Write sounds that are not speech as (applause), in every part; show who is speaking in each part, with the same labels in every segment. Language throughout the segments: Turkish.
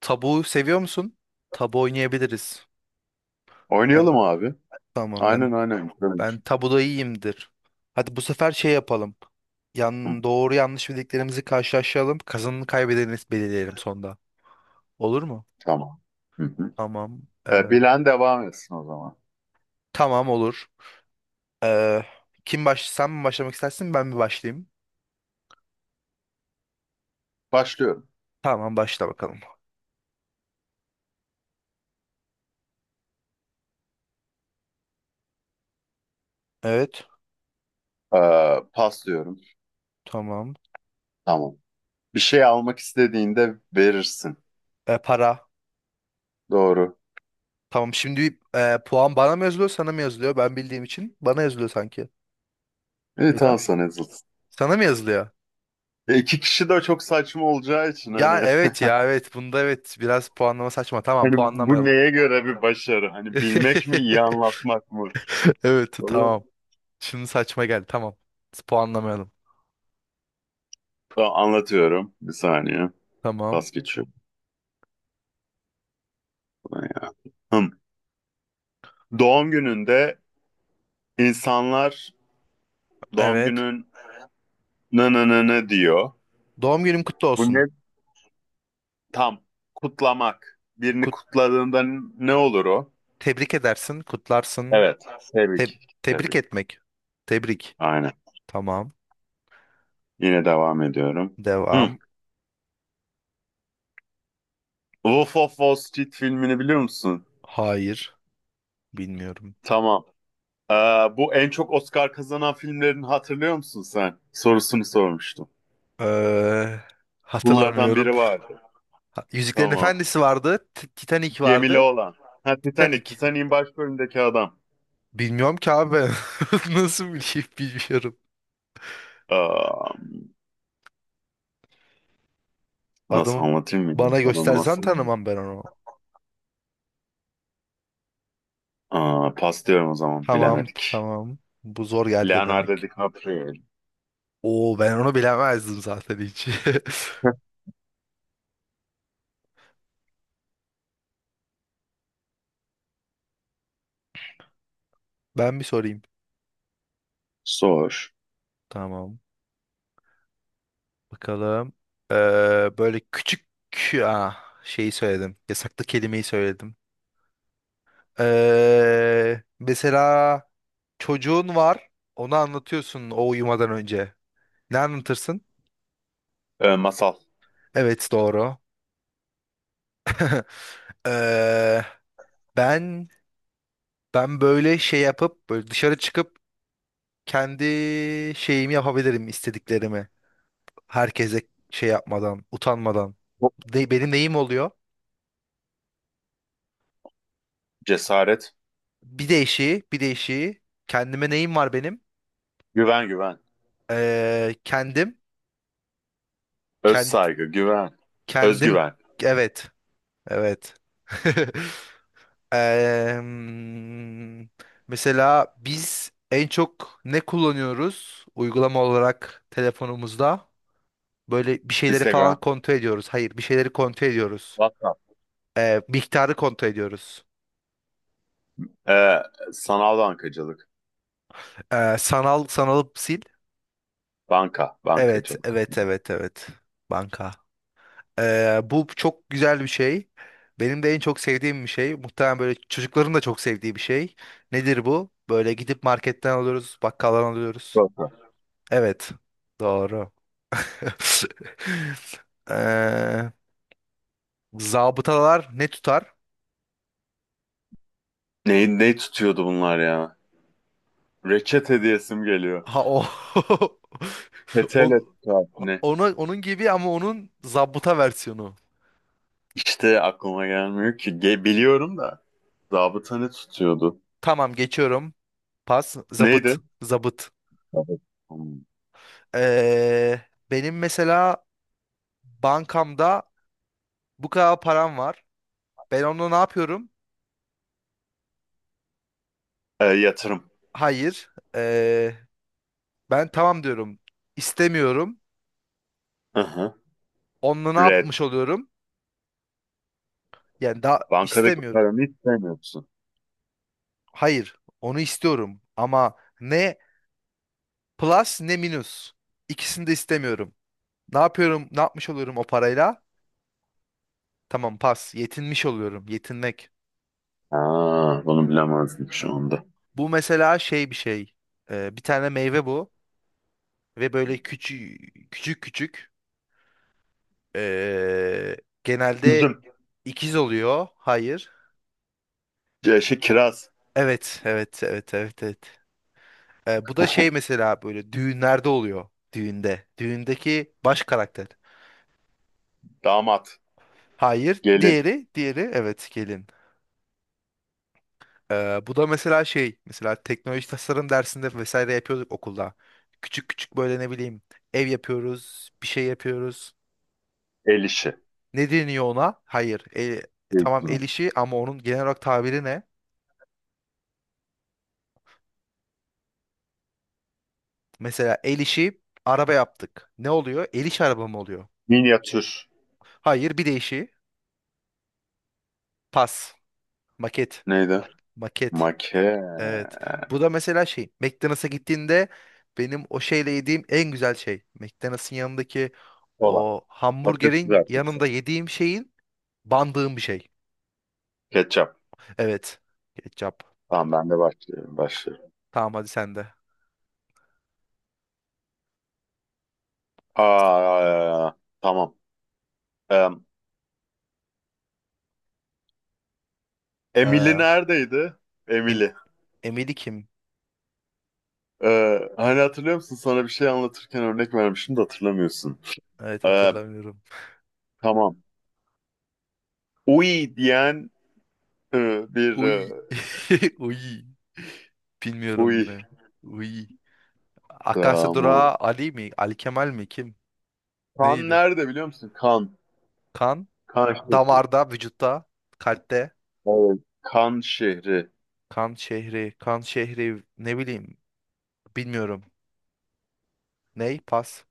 Speaker 1: Tabu seviyor musun? Tabu oynayabiliriz. Ben
Speaker 2: Oynayalım abi.
Speaker 1: tamam ben
Speaker 2: Aynen aynen. Güzel olur.
Speaker 1: ben tabuda iyiyimdir. Hadi bu sefer şey yapalım.
Speaker 2: Hı,
Speaker 1: Yan doğru yanlış bildiklerimizi karşılaştıralım. Kazanını kaybedeni belirleyelim sonda. Olur mu?
Speaker 2: tamam. Hı hı.
Speaker 1: Tamam. Ee,
Speaker 2: Bilen devam etsin o zaman.
Speaker 1: tamam olur. Ee, kim baş sen mi başlamak istersin ben mi başlayayım?
Speaker 2: Başlıyorum.
Speaker 1: Tamam başla bakalım. Evet.
Speaker 2: Pas diyorum.
Speaker 1: Tamam.
Speaker 2: Tamam. Bir şey almak istediğinde verirsin.
Speaker 1: Para.
Speaker 2: Doğru.
Speaker 1: Tamam şimdi puan bana mı yazılıyor sana mı yazılıyor? Ben bildiğim için bana yazılıyor sanki.
Speaker 2: İyi
Speaker 1: Ya
Speaker 2: tamam
Speaker 1: da
Speaker 2: sana yazılsın.
Speaker 1: sana mı yazılıyor?
Speaker 2: İki kişi de çok saçma olacağı için
Speaker 1: Ya
Speaker 2: hani
Speaker 1: evet ya
Speaker 2: (laughs)
Speaker 1: evet bunda evet biraz puanlama saçma, tamam
Speaker 2: hani bu
Speaker 1: puanlamayalım.
Speaker 2: neye göre bir başarı? Hani bilmek mi iyi
Speaker 1: (laughs)
Speaker 2: anlatmak mı?
Speaker 1: Evet
Speaker 2: Vallahi-
Speaker 1: tamam. Şimdi saçma geldi tamam. Puanlamayalım.
Speaker 2: Tamam, anlatıyorum. Bir saniye.
Speaker 1: Tamam.
Speaker 2: Pas geçiyorum. Buradan ya. Hım. Doğum gününde insanlar doğum
Speaker 1: Evet.
Speaker 2: günün nı nı nı nı diyor.
Speaker 1: Doğum günün kutlu
Speaker 2: Bu
Speaker 1: olsun.
Speaker 2: ne? Tam. Kutlamak. Birini
Speaker 1: Kut
Speaker 2: kutladığında ne olur o?
Speaker 1: Tebrik edersin, kutlarsın.
Speaker 2: Evet.
Speaker 1: Te-
Speaker 2: Tebrik.
Speaker 1: tebrik
Speaker 2: Tebrik.
Speaker 1: etmek. Tebrik.
Speaker 2: Aynen.
Speaker 1: Tamam.
Speaker 2: Yine devam ediyorum. Hı.
Speaker 1: Devam.
Speaker 2: Wolf of Wall Street filmini biliyor musun?
Speaker 1: Hayır. Bilmiyorum.
Speaker 2: Tamam. Ee, Bu en çok Oscar kazanan filmlerini hatırlıyor musun sen? Sorusunu sormuştum.
Speaker 1: Ee,
Speaker 2: Bunlardan
Speaker 1: Hatırlamıyorum.
Speaker 2: biri vardı.
Speaker 1: Yüzüklerin
Speaker 2: Tamam.
Speaker 1: Efendisi vardı. Titanic
Speaker 2: Gemili
Speaker 1: vardı.
Speaker 2: olan. Ha, Titanic.
Speaker 1: Titanic.
Speaker 2: Titanic'in başrolündeki adam.
Speaker 1: Bilmiyorum ki abi ben. (laughs) Nasıl bileyim, bilmiyorum.
Speaker 2: Aa, nasıl
Speaker 1: Adamı
Speaker 2: anlatayım mı?
Speaker 1: bana
Speaker 2: Adamı
Speaker 1: göstersen
Speaker 2: nasıl?
Speaker 1: tanımam ben onu.
Speaker 2: Aa, pas diyorum o zaman.
Speaker 1: Tamam,
Speaker 2: Bilemedik.
Speaker 1: tamam. Bu zor geldi
Speaker 2: Leonardo
Speaker 1: demek.
Speaker 2: DiCaprio.
Speaker 1: Oo, ben onu bilemezdim zaten hiç. (laughs)
Speaker 2: (laughs)
Speaker 1: Ben bir sorayım.
Speaker 2: Zor.
Speaker 1: Tamam. Bakalım. Ee, Böyle küçük ah, şeyi söyledim. Yasaklı kelimeyi söyledim. Mesela çocuğun var. Onu anlatıyorsun o uyumadan önce. Ne anlatırsın?
Speaker 2: Masal.
Speaker 1: Evet doğru. Ee, ben ben böyle şey yapıp böyle dışarı çıkıp kendi şeyimi yapabilirim, istediklerimi. Herkese şey yapmadan, utanmadan. Benim neyim oluyor?
Speaker 2: Cesaret.
Speaker 1: Bir değişiği, bir değişiği. Kendime neyim var benim?
Speaker 2: Güven güven.
Speaker 1: Ee, kendim,
Speaker 2: Öz
Speaker 1: kend,
Speaker 2: saygı. Güven.
Speaker 1: kendim,
Speaker 2: Özgüven.
Speaker 1: evet, evet. (laughs) Em, Mesela biz en çok ne kullanıyoruz uygulama olarak telefonumuzda? Böyle bir şeyleri falan
Speaker 2: Instagram.
Speaker 1: kontrol ediyoruz. Hayır, bir şeyleri kontrol ediyoruz.
Speaker 2: WhatsApp.
Speaker 1: Miktarı kontrol ediyoruz.
Speaker 2: Ee, Sanal bankacılık.
Speaker 1: Sanal sanalıp sil.
Speaker 2: Banka.
Speaker 1: Evet,
Speaker 2: Bankacılık.
Speaker 1: evet, evet, evet. Banka. Bu çok güzel bir şey. Benim de en çok sevdiğim bir şey. Muhtemelen böyle çocukların da çok sevdiği bir şey. Nedir bu? Böyle gidip marketten alıyoruz, bakkaldan alıyoruz.
Speaker 2: Banka.
Speaker 1: Evet, doğru. (laughs) Ee, Zabıtalar ne tutar?
Speaker 2: Neyi tutuyordu bunlar ya? Reçet hediyesim geliyor.
Speaker 1: Ha o. (laughs) On,
Speaker 2: Petele tutar. Ne?
Speaker 1: Ona, onun gibi ama onun zabıta versiyonu.
Speaker 2: İşte aklıma gelmiyor ki. Biliyorum da. Zabıta ne tutuyordu?
Speaker 1: Tamam geçiyorum. Pas. Zabıt.
Speaker 2: Neydi?
Speaker 1: Zabıt.
Speaker 2: Zabıta. Hmm.
Speaker 1: Ee, Benim mesela bankamda bu kadar param var. Ben onunla ne yapıyorum?
Speaker 2: Yatırım.
Speaker 1: Hayır. Ben tamam diyorum. İstemiyorum.
Speaker 2: Hı hı.
Speaker 1: Onunla ne
Speaker 2: Red.
Speaker 1: yapmış oluyorum? Yani daha
Speaker 2: Bankadaki
Speaker 1: istemiyorum.
Speaker 2: paranı hiç sevmiyorsun.
Speaker 1: Hayır. Onu istiyorum. Ama ne plus ne minus. İkisini de istemiyorum. Ne yapıyorum? Ne yapmış oluyorum o parayla? Tamam pas. Yetinmiş oluyorum. Yetinmek.
Speaker 2: Aa, bunu bilemezdim şu anda.
Speaker 1: Bu mesela şey bir şey. Bir tane meyve bu. Ve böyle küçük küçük küçük. Ee, Genelde
Speaker 2: Üzüm,
Speaker 1: ikiz oluyor. Hayır.
Speaker 2: şey, kiraz,
Speaker 1: Evet, evet, evet, evet, evet. Bu da şey mesela böyle düğünlerde oluyor. Düğünde. Düğündeki baş karakter.
Speaker 2: damat,
Speaker 1: Hayır.
Speaker 2: gelin,
Speaker 1: Diğeri, diğeri evet gelin. Bu da mesela şey mesela teknoloji tasarım dersinde vesaire yapıyorduk okulda. Küçük küçük böyle ne bileyim ev yapıyoruz, bir şey yapıyoruz.
Speaker 2: el işi,
Speaker 1: Ne deniyor ona? Hayır. E, tamam el
Speaker 2: zeytini,
Speaker 1: işi ama onun genel olarak tabiri ne? Mesela el işi araba yaptık. Ne oluyor? El işi araba mı oluyor?
Speaker 2: minyatür,
Speaker 1: Hayır, bir de işi pas, maket,
Speaker 2: neydi?
Speaker 1: maket.
Speaker 2: Make,
Speaker 1: Evet. Bu da mesela şey, McDonald's'a gittiğinde benim o şeyle yediğim en güzel şey. McDonald's'ın yanındaki
Speaker 2: kola,
Speaker 1: o
Speaker 2: patates
Speaker 1: hamburgerin
Speaker 2: kızartması,
Speaker 1: yanında yediğim şeyin bandığım bir şey.
Speaker 2: ketçap.
Speaker 1: Evet. Ketçap.
Speaker 2: Tamam ben de başlıyorum, başlıyorum.
Speaker 1: Tamam hadi sen de.
Speaker 2: Aa, tamam. Em, Emily
Speaker 1: Ee,
Speaker 2: neredeydi?
Speaker 1: em
Speaker 2: Emily.
Speaker 1: Emeli kim?
Speaker 2: Hani hatırlıyor musun? Sana bir şey anlatırken örnek vermiştim de hatırlamıyorsun.
Speaker 1: Evet
Speaker 2: Ee,
Speaker 1: hatırlamıyorum.
Speaker 2: tamam. Uy diyen bir
Speaker 1: Uy. (laughs) Uy. Bilmiyorum
Speaker 2: uy.
Speaker 1: ne. Uy. Akasya
Speaker 2: Tamam.
Speaker 1: durağı Ali mi? Ali Kemal mi? Kim?
Speaker 2: Kan
Speaker 1: Neydi?
Speaker 2: nerede biliyor musun? Kan.
Speaker 1: Kan
Speaker 2: Kan şehri.
Speaker 1: damarda, vücutta, kalpte.
Speaker 2: Evet. Kan şehri.
Speaker 1: Kan şehri, kan şehri ne bileyim, bilmiyorum. Ney? Pas.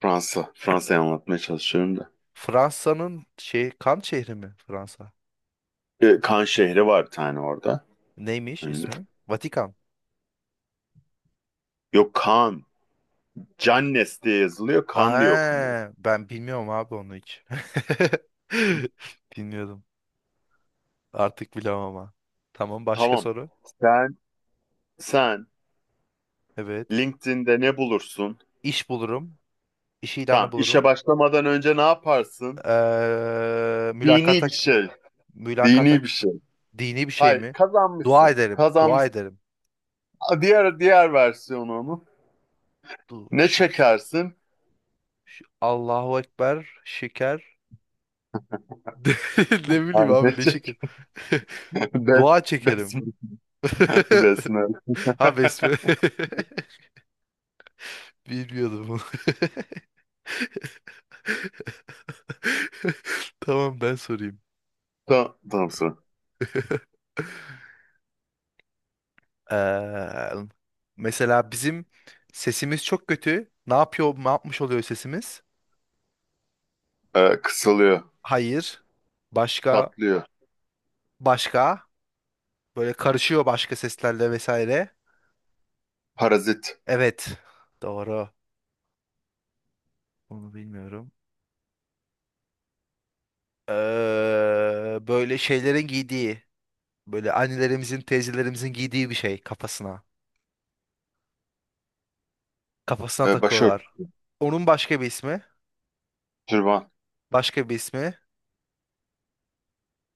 Speaker 2: Fransa. Fransa'yı anlatmaya çalışıyorum da.
Speaker 1: Fransa'nın şey kan şehri mi Fransa?
Speaker 2: Kan şehri var bir tane orada.
Speaker 1: Neymiş
Speaker 2: Ünlü.
Speaker 1: ismi? Vatikan.
Speaker 2: Yok Kan. Cannes diye yazılıyor. Kan diye okunuyor.
Speaker 1: Aa, ben bilmiyorum abi onu hiç. (laughs) Bilmiyordum. Artık bilemem ama. Tamam başka
Speaker 2: Tamam.
Speaker 1: soru.
Speaker 2: Sen sen
Speaker 1: Evet.
Speaker 2: LinkedIn'de ne bulursun?
Speaker 1: İş bulurum. İş ilanı
Speaker 2: Tamam. İşe
Speaker 1: bulurum.
Speaker 2: başlamadan önce ne yaparsın?
Speaker 1: Ee,
Speaker 2: Dini
Speaker 1: mülakata
Speaker 2: bir şey.
Speaker 1: mülakata.
Speaker 2: Dini bir şey.
Speaker 1: Dini bir şey
Speaker 2: Hayır,
Speaker 1: mi? Dua
Speaker 2: kazanmışsın.
Speaker 1: ederim. Dua
Speaker 2: Kazanmışsın.
Speaker 1: ederim.
Speaker 2: Diğer versiyonu onun.
Speaker 1: Du
Speaker 2: Ne
Speaker 1: şük.
Speaker 2: çekersin?
Speaker 1: Allahu Ekber. Şeker. (laughs) Ne, ne bileyim
Speaker 2: Yani ne
Speaker 1: abi ne şeker. (laughs)
Speaker 2: çekersin?
Speaker 1: Dua çekerim.
Speaker 2: (laughs) Bes-
Speaker 1: (laughs)
Speaker 2: Besmele. (laughs)
Speaker 1: Ha besme. (laughs) Bilmiyordum bunu. (laughs) Tamam ben sorayım.
Speaker 2: Tamam, tamam sıra.
Speaker 1: (laughs) Eee, Mesela bizim sesimiz çok kötü. Ne yapıyor, ne yapmış oluyor sesimiz?
Speaker 2: Kısalıyor,
Speaker 1: Hayır. Başka,
Speaker 2: tatlıyor,
Speaker 1: başka. Böyle karışıyor başka seslerle vesaire.
Speaker 2: parazit,
Speaker 1: Evet. Doğru. Onu bilmiyorum. Böyle şeylerin giydiği, böyle annelerimizin, teyzelerimizin giydiği bir şey kafasına. Kafasına takıyorlar.
Speaker 2: başörtü,
Speaker 1: Onun başka bir ismi.
Speaker 2: türban,
Speaker 1: Başka bir ismi.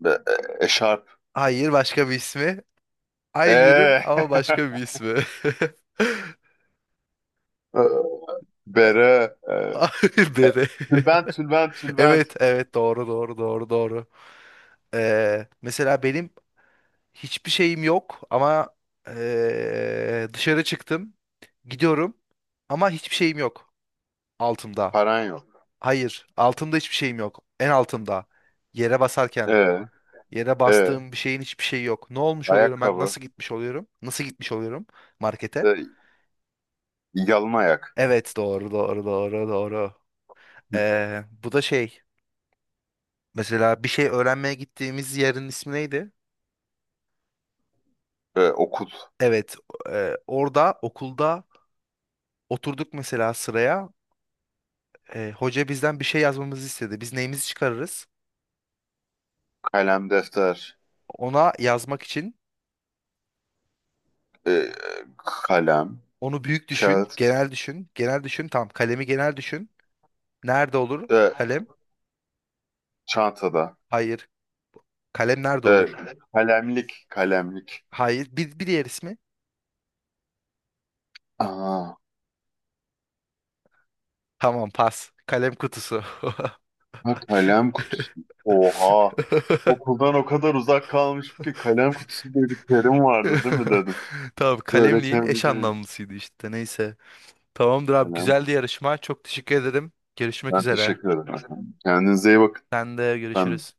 Speaker 2: eşarp,
Speaker 1: Hayır, başka bir ismi. Aynı ürün
Speaker 2: ee,
Speaker 1: ama başka bir
Speaker 2: (laughs)
Speaker 1: ismi.
Speaker 2: e, bere,
Speaker 1: (laughs) Hayır
Speaker 2: e-
Speaker 1: dedi.
Speaker 2: tülbent,
Speaker 1: (laughs)
Speaker 2: tülbent, tülbent,
Speaker 1: Evet, evet doğru, doğru, doğru, doğru. Mesela benim hiçbir şeyim yok ama dışarı çıktım. Gidiyorum ama hiçbir şeyim yok altımda.
Speaker 2: paran yok,
Speaker 1: Hayır, altımda hiçbir şeyim yok. En altımda. Yere basarken,
Speaker 2: ee,
Speaker 1: yere
Speaker 2: ee,
Speaker 1: bastığım bir şeyin hiçbir şeyi yok. Ne olmuş oluyorum ben?
Speaker 2: ayakkabı,
Speaker 1: Nasıl gitmiş oluyorum? Nasıl gitmiş oluyorum markete?
Speaker 2: ee, yalın ayak,
Speaker 1: Evet, doğru, doğru, doğru, doğru. Bu da şey. Mesela bir şey öğrenmeye gittiğimiz yerin ismi neydi?
Speaker 2: okul,
Speaker 1: Evet, orada okulda oturduk mesela sıraya. E, hoca bizden bir şey yazmamızı istedi. Biz neyimizi çıkarırız?
Speaker 2: kalem, defter,
Speaker 1: Ona yazmak için
Speaker 2: ee, kalem,
Speaker 1: onu büyük düşün,
Speaker 2: kağıt,
Speaker 1: genel düşün, genel düşün. Tamam, kalemi genel düşün. Nerede olur
Speaker 2: ee,
Speaker 1: kalem?
Speaker 2: çantada,
Speaker 1: Hayır. Kalem nerede
Speaker 2: ee,
Speaker 1: olur?
Speaker 2: kalemlik, kalemlik,
Speaker 1: Hayır. Bir, bir diğer ismi?
Speaker 2: Aa,
Speaker 1: Tamam, pas. Kalem kutusu. (laughs)
Speaker 2: ha, kalem kutusu. Oha. Okuldan o kadar uzak kalmışım ki kalem kutusu diye bir terim vardı değil mi
Speaker 1: (laughs)
Speaker 2: dedim.
Speaker 1: Tamam,
Speaker 2: Böyle
Speaker 1: kalemliğin
Speaker 2: kendi
Speaker 1: eş
Speaker 2: kendime.
Speaker 1: anlamlısıydı işte. Neyse. Tamamdır abi,
Speaker 2: Kalem kutusu.
Speaker 1: güzeldi yarışma. Çok teşekkür ederim. Görüşmek
Speaker 2: Ben
Speaker 1: üzere.
Speaker 2: teşekkür ederim, efendim. Kendinize iyi bakın.
Speaker 1: Sen de
Speaker 2: Ben
Speaker 1: görüşürüz.